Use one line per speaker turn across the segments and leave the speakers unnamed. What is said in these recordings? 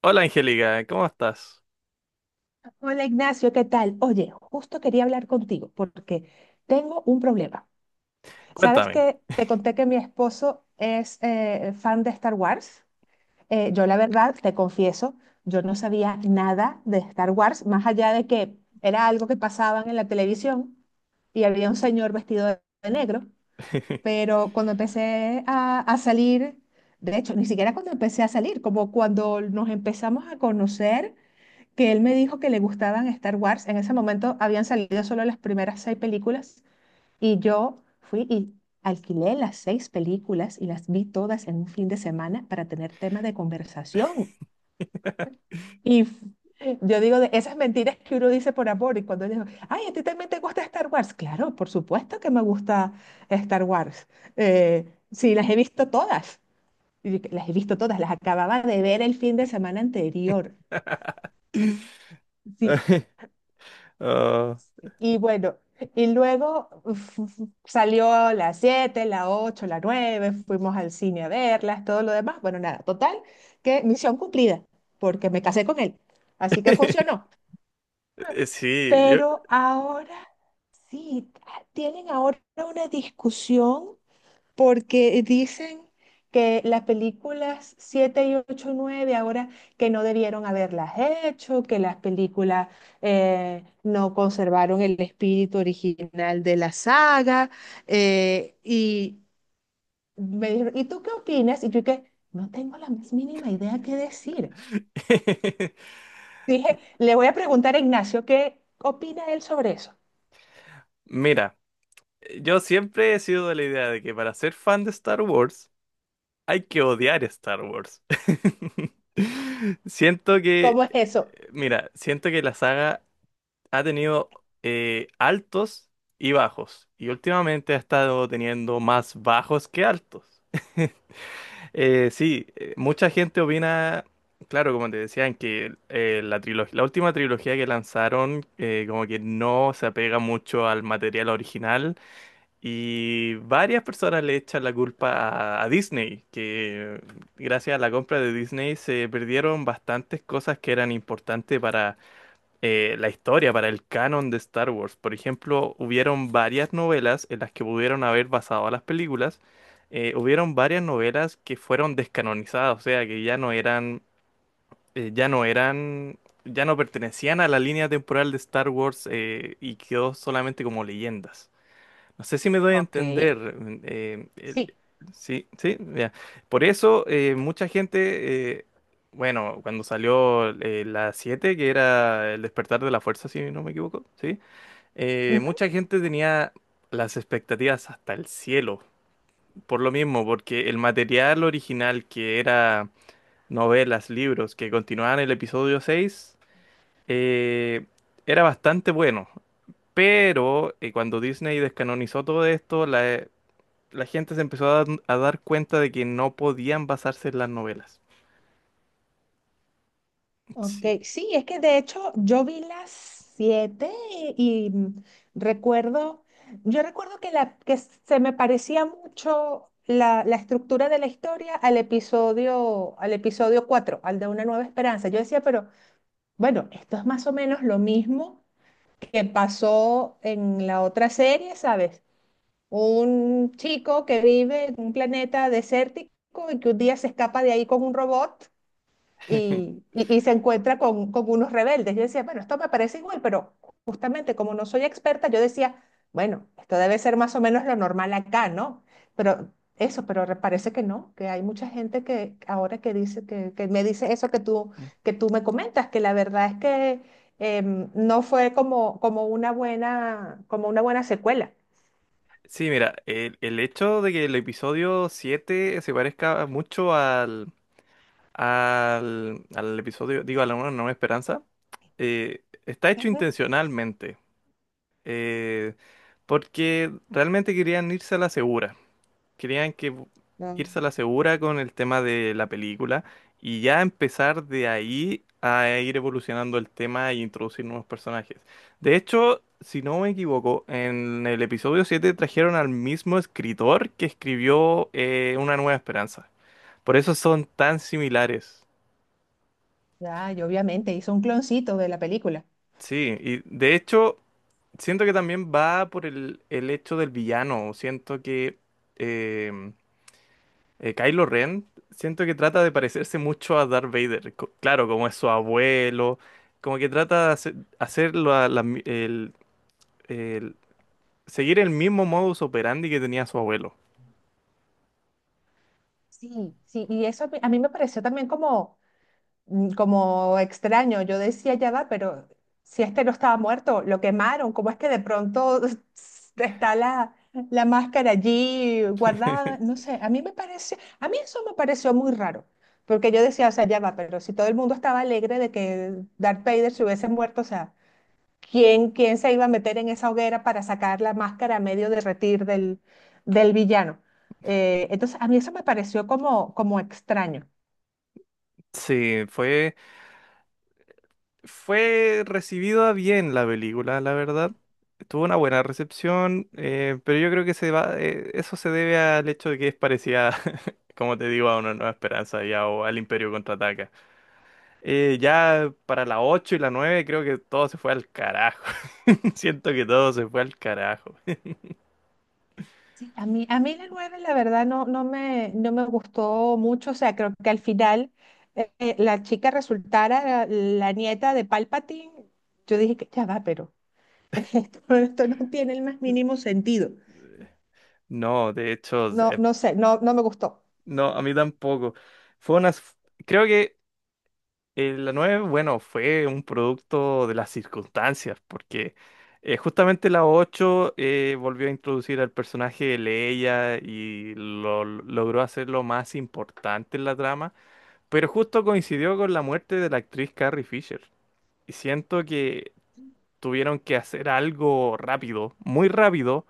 Hola Angélica, ¿cómo estás?
Hola Ignacio, ¿qué tal? Oye, justo quería hablar contigo porque tengo un problema. ¿Sabes
Cuéntame.
que te conté que mi esposo es fan de Star Wars? Yo la verdad, te confieso, yo no sabía nada de Star Wars, más allá de que era algo que pasaban en la televisión y había un señor vestido de negro, pero cuando empecé a salir, de hecho, ni siquiera cuando empecé a salir, como cuando nos empezamos a conocer que él me dijo que le gustaban Star Wars. En ese momento habían salido solo las primeras seis películas y yo fui y alquilé las seis películas y las vi todas en un fin de semana para tener tema de conversación. Y yo digo de esas mentiras que uno dice por amor y cuando digo, ay, ¿a ti también te gusta Star Wars? Claro, por supuesto que me gusta Star Wars. Eh, sí, las he visto todas. Y yo, las he visto todas, las acababa de ver el fin de semana anterior. Sí.
Oh.
Y bueno, y luego uf, uf, salió a las siete, las ocho, las nueve, fuimos al cine a verlas, todo lo demás. Bueno, nada, total, que misión cumplida, porque me casé con él. Así que funcionó.
Sí, yo...
Pero ahora sí, tienen ahora una discusión porque dicen que las películas 7 y 8 y nueve ahora que no debieron haberlas hecho, que las películas no conservaron el espíritu original de la saga. Y me dijeron, ¿y tú qué opinas? Y yo que no tengo la más mínima idea qué decir. Dije, le voy a preguntar a Ignacio qué opina él sobre eso.
Mira, yo siempre he sido de la idea de que para ser fan de Star Wars hay que odiar Star Wars. Siento
¿Cómo
que,
es eso?
mira, siento que la saga ha tenido altos y bajos. Y últimamente ha estado teniendo más bajos que altos. Sí, mucha gente opina, claro, como te decían, que la última trilogía que lanzaron como que no se apega mucho al material original y varias personas le echan la culpa a Disney, que gracias a la compra de Disney se perdieron bastantes cosas que eran importantes la historia para el canon de Star Wars. Por ejemplo, hubieron varias novelas en las que pudieron haber basado a las películas. Eh, hubieron varias novelas que fueron descanonizadas, o sea, que eh, ya no eran, ya no pertenecían a la línea temporal de Star Wars y quedó solamente como leyendas. No sé si me doy a
Ok,
entender. eh, el-
sí.
sí, sí, ya. Por eso mucha gente, bueno, cuando salió la 7, que era el despertar de la fuerza, si no me equivoco, sí, mucha gente tenía las expectativas hasta el cielo, por lo mismo, porque el material original, que era novelas, libros, que continuaban el episodio 6, eh, era bastante bueno. Pero cuando Disney descanonizó todo esto, la gente se empezó a, dar cuenta de que no podían basarse en las novelas. Sí.
Ok, sí, es que de hecho yo vi las siete y, recuerdo, yo recuerdo que, que se me parecía mucho la estructura de la historia al episodio 4, al de Una Nueva Esperanza. Yo decía, pero bueno, esto es más o menos lo mismo que pasó en la otra serie, ¿sabes? Un chico que vive en un planeta desértico y que un día se escapa de ahí con un robot y, y- y se encuentra con unos rebeldes. Yo decía, bueno, esto me parece igual, pero justamente como no soy experta, yo decía, bueno, esto debe ser más o menos lo normal acá, ¿no? Pero pero parece que no, que hay mucha gente que ahora que dice, que me dice eso que tú me comentas, que la verdad es que no fue como, como una buena secuela.
Sí, mira, el hecho de que el episodio 7 se parezca mucho al episodio, digo, a la Una Nueva Esperanza, está hecho
Ujú.
intencionalmente, eh, porque realmente querían irse a la segura. Querían que
No.
Irse a la segura con el tema de la película y ya empezar de ahí a ir evolucionando el tema e introducir nuevos personajes. De hecho, si no me equivoco, en el episodio 7 trajeron al mismo escritor que escribió, Una Nueva Esperanza. Por eso son tan similares.
Ya, y obviamente hizo un cloncito de la película.
Sí, y de hecho, siento que también va por el hecho del villano. Siento que... em, Kylo Ren, siento que trata de parecerse mucho a Darth Vader. Claro, como es su abuelo, como que trata de hacer, hacer la- la mi- el- seguir el mismo modus operandi que tenía su abuelo.
Sí, sí, y eso a mí me pareció también como extraño. Yo decía, ya va, pero si este no estaba muerto, lo quemaron, ¿cómo es que de pronto está la, la máscara allí guardada? No sé, a mí me pareció, a mí eso me pareció muy raro, porque yo decía, o sea, ya va, pero si todo el mundo estaba alegre de que Darth Vader se hubiese muerto, o sea, ¿quién, quién se iba a meter en esa hoguera para sacar la máscara a medio derretir del, del villano? Entonces, a mí eso me pareció como extraño.
Sí, fue, Fue recibida bien la película, la verdad. Tuvo una buena recepción, pero yo creo que se va, eso se debe al hecho de que es parecida, como te digo, a Una Nueva Esperanza ya, o al Imperio Contraataca. Ya para las 8 y las 9 creo que todo se fue al carajo. Siento que todo se fue al carajo.
A mí la nueve, la verdad, no, no me gustó mucho. O sea, creo que al final la chica resultara la, la nieta de Palpatine. Yo dije que ya va, pero esto no tiene el más mínimo sentido.
No, de hecho,
No, no sé, no me gustó.
no, a mí tampoco. Fue una, Creo que la 9, bueno, fue un producto de las circunstancias, porque justamente la 8, volvió a introducir al personaje de Leia y lo, logró hacerlo más importante en la trama, pero justo coincidió con la muerte de la actriz Carrie Fisher. Y siento que tuvieron que hacer algo rápido, muy rápido,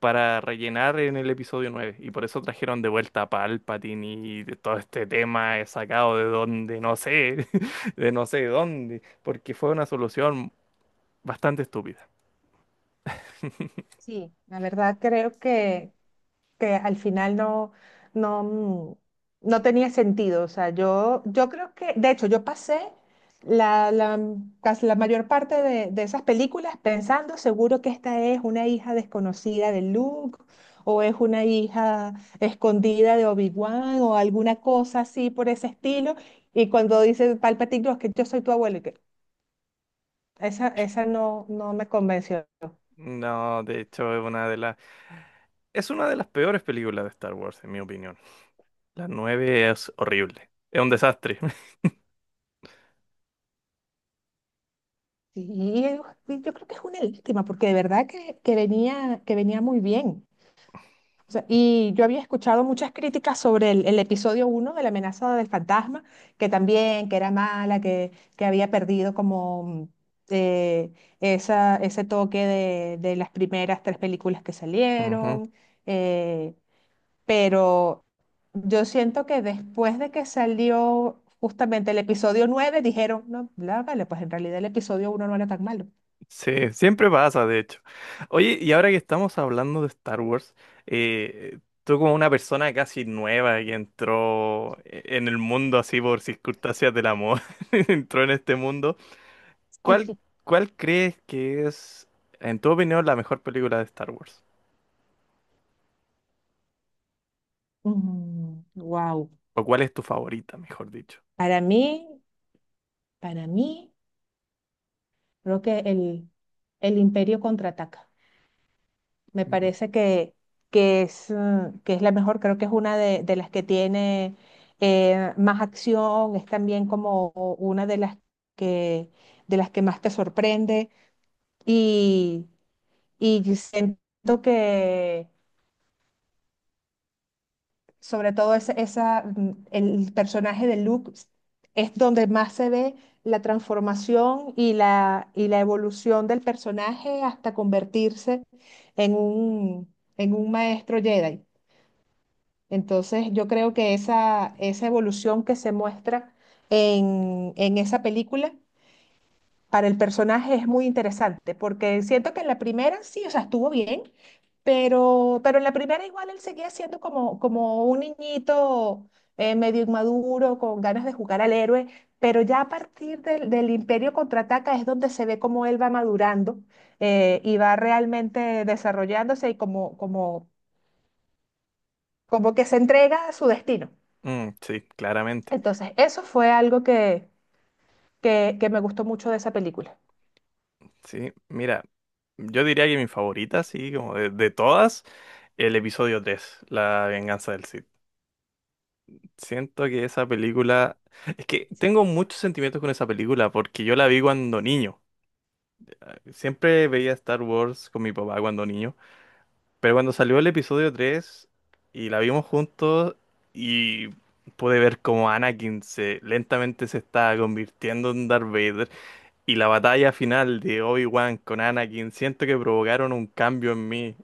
para rellenar en el episodio 9. Y por eso trajeron de vuelta a Palpatine y de todo este tema he sacado de donde no sé, de no sé dónde, porque fue una solución bastante estúpida.
Sí, la verdad creo que al final no, mm, no tenía sentido. O sea, yo creo que, de hecho, yo pasé la, casi la mayor parte de esas películas pensando seguro que esta es una hija desconocida de Luke o es una hija escondida de Obi-Wan o alguna cosa así por ese estilo. Y cuando dice Palpatine, "No, es que yo soy tu abuelo", y que esa no, no me convenció.
No, de hecho es una de las... Es una de las peores películas de Star Wars, en mi opinión. La 9 es horrible. Es un desastre.
Sí, yo creo que es una lástima, porque de verdad que venía muy bien. O sea, y yo había escuchado muchas críticas sobre el episodio uno de La Amenaza del Fantasma, que también, que era mala, que había perdido como eh, esa, ese toque de las primeras tres películas que
Ujú.
salieron. eh, pero yo siento que después de que salió justamente el episodio 9 dijeron, no, vale, pues en realidad el episodio uno no era tan malo.
Sí, siempre pasa, de hecho. Oye, y ahora que estamos hablando de Star Wars, tú como una persona casi nueva que entró en el mundo así por circunstancias del amor, entró en este mundo, ¿cuál, ¿cuál crees que es, en tu opinión, la mejor película de Star Wars?
Wow.
¿O cuál es tu favorita, mejor dicho?
Para mí, para mí, creo que el Imperio Contraataca. Me
Mm,
parece que es la mejor, creo que es una de las que tiene más acción, es también como una que, de las que más te sorprende. Y, y siento que sobre todo esa, el personaje de Luke es donde más se ve la transformación y la evolución del personaje hasta convertirse en un maestro Jedi. Entonces yo creo que esa evolución que se muestra en esa película para el personaje es muy interesante, porque siento que en la primera sí, o sea, estuvo bien, pero en la primera igual él seguía siendo como, como un niñito medio inmaduro, con ganas de jugar al héroe, pero ya a partir del, del Imperio Contraataca es donde se ve cómo él va madurando, y va realmente desarrollándose y como que se entrega a su destino.
mm, sí, claramente.
Entonces, eso fue algo que me gustó mucho de esa película.
Sí, mira, yo diría que mi favorita, sí, como de todas, el episodio 3, La Venganza del Sith. Siento que esa película... Es que tengo muchos sentimientos con esa película porque yo la vi cuando niño. Ah, siempre veía Star Wars con mi papá cuando niño. Pero cuando salió el episodio 3 y la vimos juntos, y pude ver cómo Anakin se, lentamente se está convirtiendo en Darth Vader. Y la batalla final de Obi-Wan con Anakin, siento que provocaron un cambio en mí.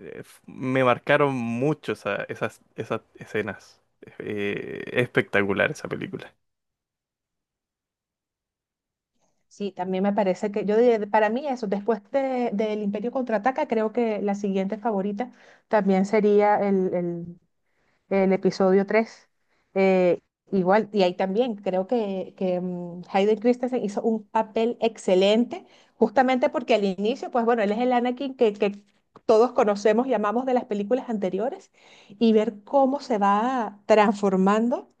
Me marcaron mucho esas, esas escenas. Es espectacular esa película.
Sí, también me parece que yo diría, para mí eso, después del Imperio Contraataca, creo que la siguiente favorita también sería el episodio 3 eh, igual, y ahí también creo que Hayden Christensen hizo un papel excelente, justamente porque al inicio, pues bueno, él es el Anakin que todos conocemos y amamos de las películas anteriores, y ver cómo se va transformando,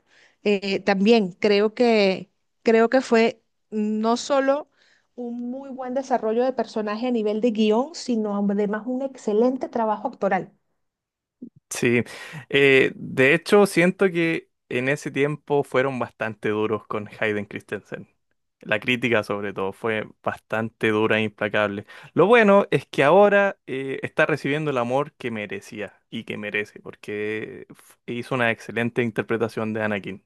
también creo que fue no solo un muy buen desarrollo de personaje a nivel de guión, sino además un excelente trabajo actoral.
Sí, de hecho siento que en ese tiempo fueron bastante duros con Hayden Christensen. La crítica sobre todo fue bastante dura e implacable. Lo bueno es que ahora, está recibiendo el amor que merecía y que merece, porque hizo una excelente interpretación de Anakin.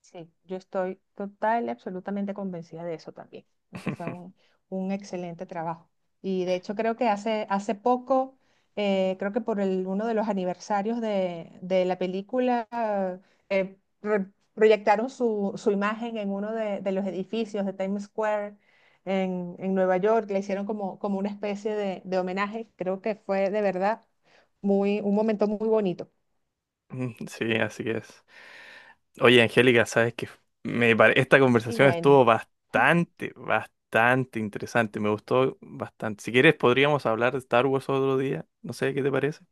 Sí, yo estoy total y absolutamente convencida de eso también. Creo que fue un excelente trabajo. Y de hecho creo que hace, hace poco, creo que por uno de los aniversarios de la película, eh, pro- proyectaron su, su imagen en uno de los edificios de Times Square en Nueva York. Le hicieron como, como una especie de homenaje. Creo que fue de verdad un momento muy bonito.
Mm, sí, así es. Oye, Angélica, sabes que esta
Y
conversación
bueno,
estuvo bastante, bastante interesante. Me gustó bastante. Si quieres, podríamos hablar de Star Wars otro día. No sé qué te parece.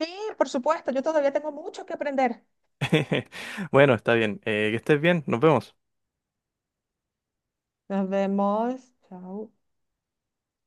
sí, por supuesto, yo todavía tengo mucho que aprender.
Bueno, está bien. Que estés bien. Nos vemos.
Nos vemos. Chao.